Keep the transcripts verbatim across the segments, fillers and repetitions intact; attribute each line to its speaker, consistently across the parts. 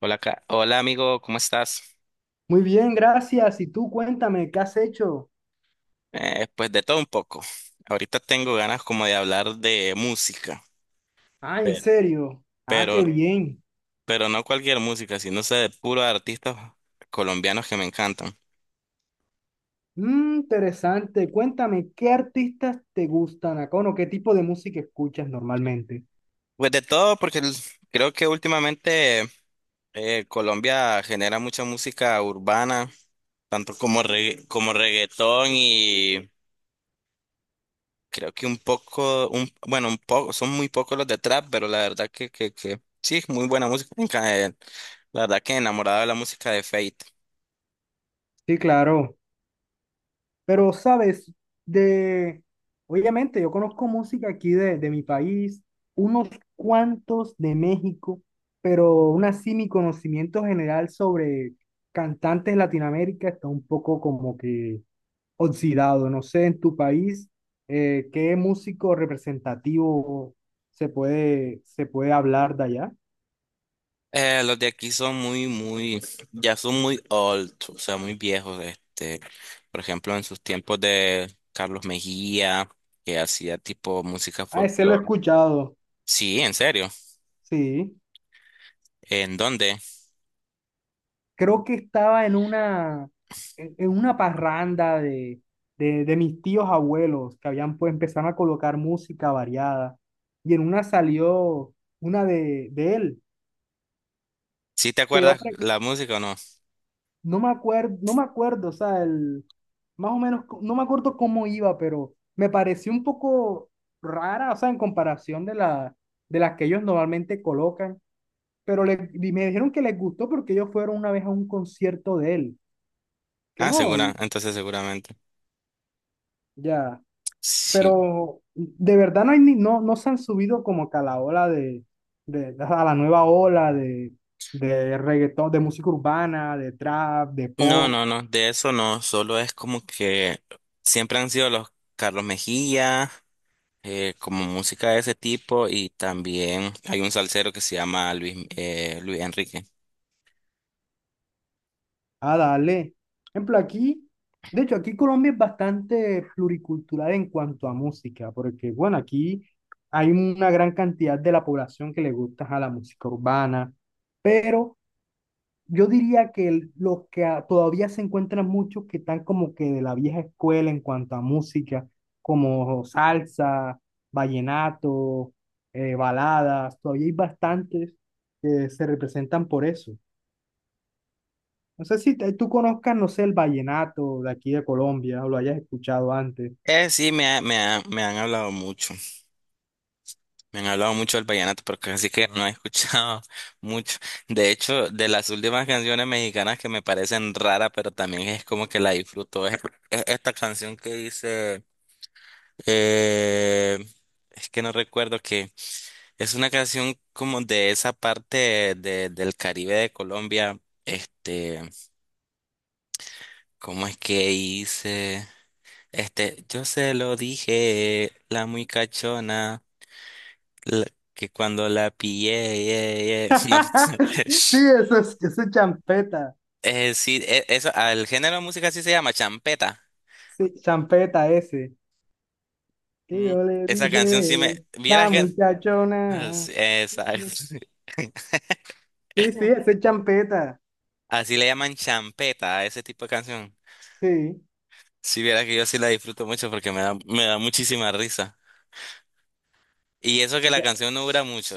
Speaker 1: Hola, Ca- hola amigo, ¿cómo estás?
Speaker 2: Muy bien, gracias. Y tú cuéntame, ¿qué has hecho?
Speaker 1: Eh, pues de todo un poco. Ahorita tengo ganas como de hablar de música,
Speaker 2: Ah, ¿en
Speaker 1: pe-
Speaker 2: serio? Ah,
Speaker 1: pero,
Speaker 2: qué bien.
Speaker 1: pero no cualquier música, sino sé de puros artistas colombianos que me encantan.
Speaker 2: Mm, interesante. Cuéntame, ¿qué artistas te gustan, Acono? ¿Qué tipo de música escuchas normalmente?
Speaker 1: Pues de todo, porque el- creo que últimamente eh, Colombia genera mucha música urbana, tanto como, regga- como reggaetón. Creo que un poco, un, bueno, un poco, son muy pocos los de trap, pero la verdad que, que, que sí, es muy buena música. En eh, La verdad que enamorado de la música de Fate.
Speaker 2: Sí, claro. Pero, ¿sabes? De... Obviamente, yo conozco música aquí de, de mi país, unos cuantos de México, pero aún así mi conocimiento general sobre cantantes de Latinoamérica está un poco como que oxidado. No sé, en tu país, eh, ¿qué músico representativo se puede, se puede hablar de allá?
Speaker 1: Eh, los de aquí son muy, muy, ya son muy old, o sea, muy viejos. Este, por ejemplo, en sus tiempos de Carlos Mejía, que hacía tipo música
Speaker 2: Ah, ese lo he
Speaker 1: folclore.
Speaker 2: escuchado,
Speaker 1: Sí, en serio.
Speaker 2: sí.
Speaker 1: ¿En dónde?
Speaker 2: Creo que estaba en una, en, en una parranda de, de, de mis tíos abuelos que habían pues empezaron a colocar música variada y en una salió una de, de él,
Speaker 1: ¿Sí te
Speaker 2: que yo
Speaker 1: acuerdas la música o no?
Speaker 2: No me acuerdo, no me acuerdo, o sea, el, más o menos, co- no me acuerdo cómo iba, pero me pareció un poco rara, o sea, en comparación de, la, de las que ellos normalmente colocan, pero le, y me dijeron que les gustó porque ellos fueron una vez a un concierto de él, que
Speaker 1: Ah,
Speaker 2: no,
Speaker 1: segura,
Speaker 2: y
Speaker 1: entonces seguramente.
Speaker 2: ya,
Speaker 1: Sí.
Speaker 2: pero de verdad no, hay ni, no, no se han subido como que a la ola de, de, a la nueva ola de, de reggaetón, de música urbana, de trap, de
Speaker 1: No,
Speaker 2: pop.
Speaker 1: no, no, de eso no, solo es como que siempre han sido los Carlos Mejía, eh, como música de ese tipo, y también hay un salsero que se llama Luis, eh, Luis Enrique.
Speaker 2: Ah, dale. Por ejemplo, aquí, de hecho, aquí Colombia es bastante pluricultural en cuanto a música, porque, bueno, aquí hay una gran cantidad de la población que le gusta a la música urbana, pero yo diría que el- los que a- todavía se encuentran muchos que están como que de la vieja escuela en cuanto a música, como salsa, vallenato, eh, baladas, todavía hay bastantes que se representan por eso. No sé si te- tú conozcas, no sé, el vallenato de aquí de Colombia o lo hayas escuchado antes.
Speaker 1: Eh, sí, me, ha- me, ha- me han hablado mucho, me han hablado mucho del vallenato, pero casi que no he escuchado mucho. De hecho, de las últimas canciones mexicanas que me parecen raras, pero también es como que la disfruto, es es esta canción que dice... Eh, es que no recuerdo que es una canción como de esa parte de- del Caribe de Colombia. Este, ¿cómo es que hice? Este, yo se lo dije, la muy cachona, la- que cuando la pillé, ye, ye. No sé.
Speaker 2: Sí, eso es, eso es champeta.
Speaker 1: Eh, sí, e- eso, al género de música sí se llama champeta.
Speaker 2: Sí, champeta ese. Que
Speaker 1: Mm,
Speaker 2: yo le
Speaker 1: esa canción sí me.
Speaker 2: dije,
Speaker 1: Vieras
Speaker 2: la
Speaker 1: que.
Speaker 2: muchachona.
Speaker 1: Sí, exacto.
Speaker 2: Sí, sí, ese es champeta.
Speaker 1: Así le llaman champeta a ese tipo de canción.
Speaker 2: Sí.
Speaker 1: Si viera que yo sí la disfruto mucho porque me da, me da muchísima risa. Y eso que la
Speaker 2: Ya.
Speaker 1: canción no dura mucho.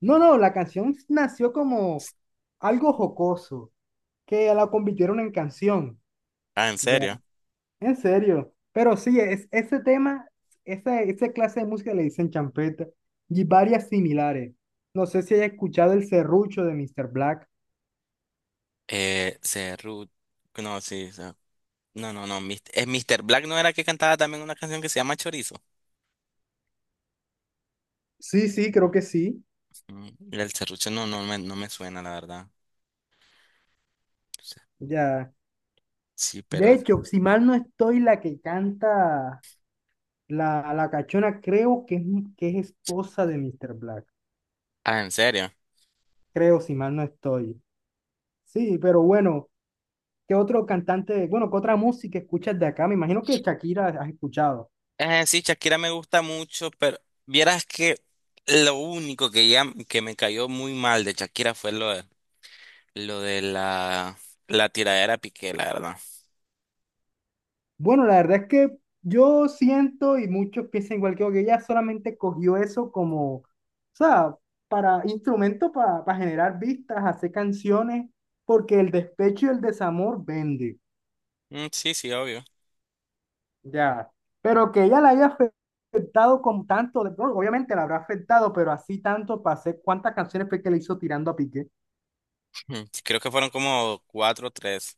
Speaker 2: No, no, la canción nació como algo jocoso, que la convirtieron en canción.
Speaker 1: Ah, ¿en serio?
Speaker 2: En serio, pero sí, es, ese tema, esa, esa clase de música le dicen champeta y varias similares. No sé si haya escuchado el serrucho de mister Black.
Speaker 1: Eh, Cerru... No, sí, o sea, no, no, no. Mis- eh, míster Black no era que cantaba también una canción que se llama Chorizo.
Speaker 2: Sí, sí, creo que sí.
Speaker 1: Mm, el serrucho no, no me, no me suena, la verdad.
Speaker 2: Ya.
Speaker 1: Sí,
Speaker 2: De
Speaker 1: pero...
Speaker 2: hecho, si mal no estoy, la que canta la, la cachona, creo que es, que es esposa de mister Black.
Speaker 1: Ah, ¿en serio?
Speaker 2: Creo, si mal no estoy. Sí, pero bueno, ¿qué otro cantante, bueno, qué otra música escuchas de acá? Me imagino que Shakira has escuchado.
Speaker 1: Eh, sí, Shakira me gusta mucho, pero vieras que lo único que ya que me cayó muy mal de Shakira fue lo, Lo de la, la tiradera Piqué, la verdad.
Speaker 2: Bueno, la verdad es que yo siento y muchos piensan igual que yo, que ella solamente cogió eso como, o sea, para instrumento para, para generar vistas, hacer canciones, porque el despecho y el desamor vende,
Speaker 1: Mm, sí, sí, obvio.
Speaker 2: ya. Pero que ella la haya afectado con tanto, de- bueno, obviamente la habrá afectado, pero así tanto para hacer cuántas canciones fue que le hizo tirando a Piqué.
Speaker 1: Mm, creo que fueron como cuatro o tres.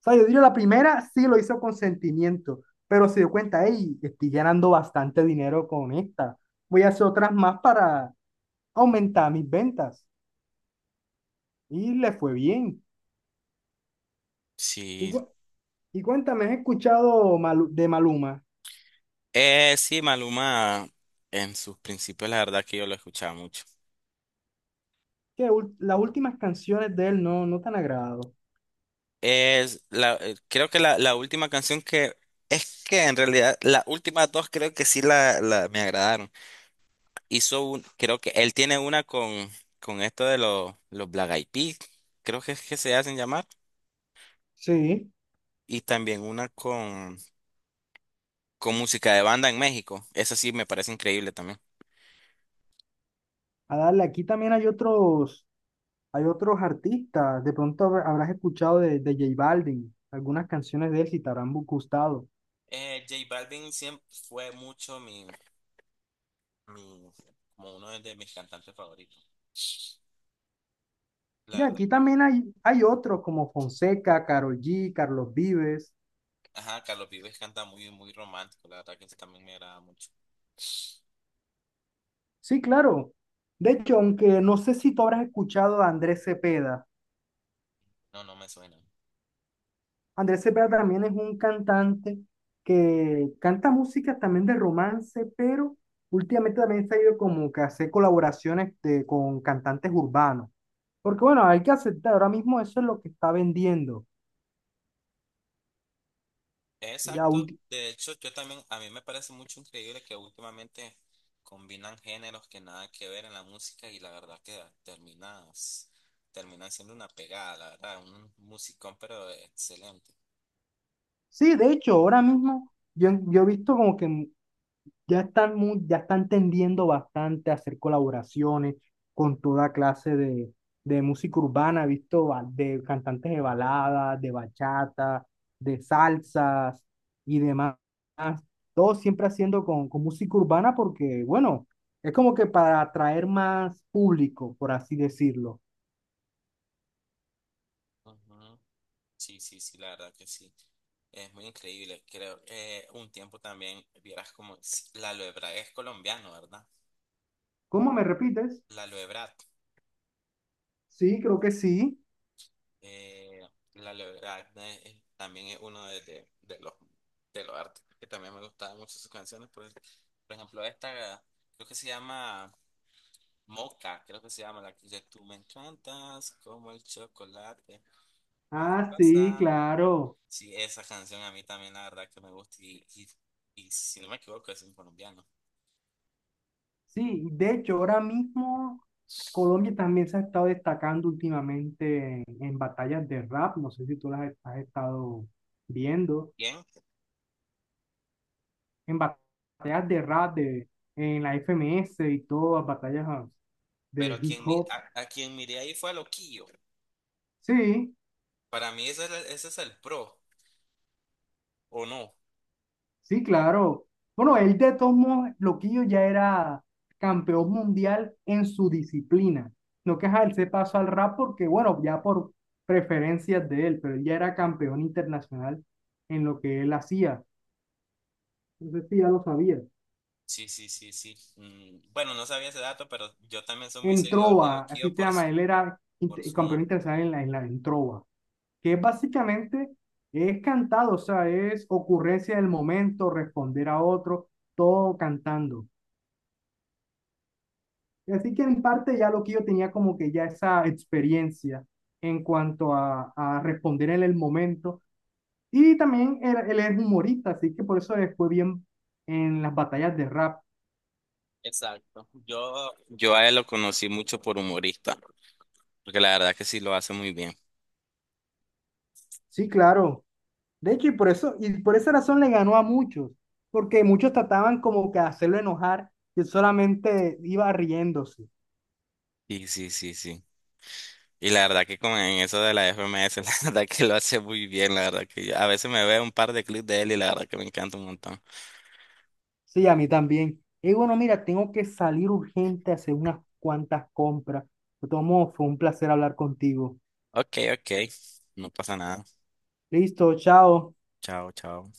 Speaker 2: O sea, yo diría la primera sí lo hizo con sentimiento, pero se dio cuenta, hey, estoy ganando bastante dinero con esta, voy a hacer otras más para, aumentaba mis ventas y le fue bien. Y,
Speaker 1: Sí.
Speaker 2: cu- y cuéntame, ¿has escuchado Malu- de Maluma?
Speaker 1: Eh, sí, Maluma, en sus principios, la verdad que yo lo escuchaba mucho.
Speaker 2: Que ul- las últimas canciones de él no, no te han agradado.
Speaker 1: Es la, eh, creo que la, la última canción que. Es que en realidad las últimas dos creo que sí la, la- me agradaron. Hizo un, creo que él tiene una con, con esto de los, los Black Eyed Peas, creo que es que se hacen llamar.
Speaker 2: Sí,
Speaker 1: Y también una con con música de banda en México. Eso sí me parece increíble también.
Speaker 2: a darle, aquí también hay otros, hay otros artistas. De pronto habr- habrás escuchado de, de J Balvin, algunas canciones de él si te habrán bu- gustado.
Speaker 1: Eh, J Balvin siempre fue mucho mi, mi, como uno de mis cantantes favoritos. La
Speaker 2: Y
Speaker 1: verdad,
Speaker 2: aquí también hay, hay otros como Fonseca, Karol G, Carlos Vives.
Speaker 1: ajá, Carlos Vives canta muy, muy romántico, la verdad que eso también me agrada mucho.
Speaker 2: Sí, claro. De hecho, aunque no sé si tú habrás escuchado a Andrés Cepeda.
Speaker 1: No, no me suena.
Speaker 2: Andrés Cepeda también es un cantante que canta música también de romance, pero últimamente también se ha ido como que a hacer colaboraciones de- con cantantes urbanos. Porque bueno, hay que aceptar, ahora mismo eso es lo que está vendiendo. Ya
Speaker 1: Exacto.
Speaker 2: ulti-
Speaker 1: De hecho, yo también, a mí me parece mucho increíble que últimamente combinan géneros que nada que ver en la música y la verdad que terminas, terminan siendo una pegada, la verdad, un musicón pero excelente.
Speaker 2: sí, de hecho, ahora mismo yo, yo he visto como que ya están, muy, ya están tendiendo bastante a hacer colaboraciones con toda clase de, de música urbana, he visto ba- de cantantes de baladas, de bachata, de salsas y demás. Todo siempre haciendo con, con música urbana porque, bueno, es como que para atraer más público, por así decirlo.
Speaker 1: Ujú. Sí, sí, sí, la verdad que sí. Es muy increíble. Creo que un tiempo también vieras como sí, la aloe vera es colombiano, ¿verdad?
Speaker 2: ¿Cómo me repites?
Speaker 1: La aloe vera,
Speaker 2: Sí, creo que sí.
Speaker 1: eh, la aloe vera, eh, también es uno de, de- de los de los artistas que también me gustaban mucho sus canciones. Por, ej- por ejemplo, esta creo que se llama Moca, creo que se llama la que dice, tú me encantas como el chocolate, la
Speaker 2: Ah, sí,
Speaker 1: taza".
Speaker 2: claro.
Speaker 1: Sí, esa canción a mí también la verdad que me gusta y, y, y si no me equivoco es un colombiano.
Speaker 2: Sí, de hecho, ahora mismo... Colombia también se ha estado destacando últimamente en, en batallas de rap, no sé si tú las has estado viendo,
Speaker 1: Bien,
Speaker 2: en batallas de rap de, en la F M S y todas, las batallas ah,
Speaker 1: pero
Speaker 2: de
Speaker 1: a
Speaker 2: hip
Speaker 1: quien, mi-
Speaker 2: hop.
Speaker 1: a, a quien miré ahí fue a Loquillo.
Speaker 2: Sí,
Speaker 1: Para mí ese es, el- ese es el pro, ¿o no?
Speaker 2: sí, claro. Bueno, él de todos modos, Loquillo ya era campeón mundial en su disciplina. No que ajá, él se pasó al rap porque, bueno, ya por preferencias de él, pero él ya era campeón internacional en lo que él hacía. Entonces sí, ya lo sabía.
Speaker 1: Sí, sí, sí, sí. Mm, bueno, no sabía ese dato, pero yo también soy muy
Speaker 2: En
Speaker 1: seguidor de
Speaker 2: Trova, así
Speaker 1: Loquillo
Speaker 2: se
Speaker 1: por
Speaker 2: llama,
Speaker 1: su,
Speaker 2: él era
Speaker 1: por
Speaker 2: inter-
Speaker 1: su humor.
Speaker 2: campeón internacional en la isla, en Trova, que básicamente es cantado, o sea, es ocurrencia del momento, responder a otro, todo cantando. Así que en parte ya lo que yo tenía como que ya esa experiencia en cuanto a, a responder en el momento. Y también él, él es humorista, así que por eso le fue bien en las batallas de rap.
Speaker 1: Exacto. Yo, yo a él lo conocí mucho por humorista, porque la verdad que sí lo hace muy bien.
Speaker 2: Sí, claro. De hecho, y por eso, y por esa razón le ganó a muchos, porque muchos trataban como que hacerlo enojar y él solamente iba riéndose.
Speaker 1: Sí, sí, sí, sí. Y la verdad que con en eso de la F M E ese, la verdad que lo hace muy bien, la verdad que yo- a veces me veo un par de clips de él y la verdad que me encanta un montón.
Speaker 2: Sí, a mí también. Y bueno, mira, tengo que salir urgente a hacer unas cuantas compras. De todos modos, fue un placer hablar contigo.
Speaker 1: Ok, ok, no pasa nada.
Speaker 2: Listo, chao.
Speaker 1: Chao, chao.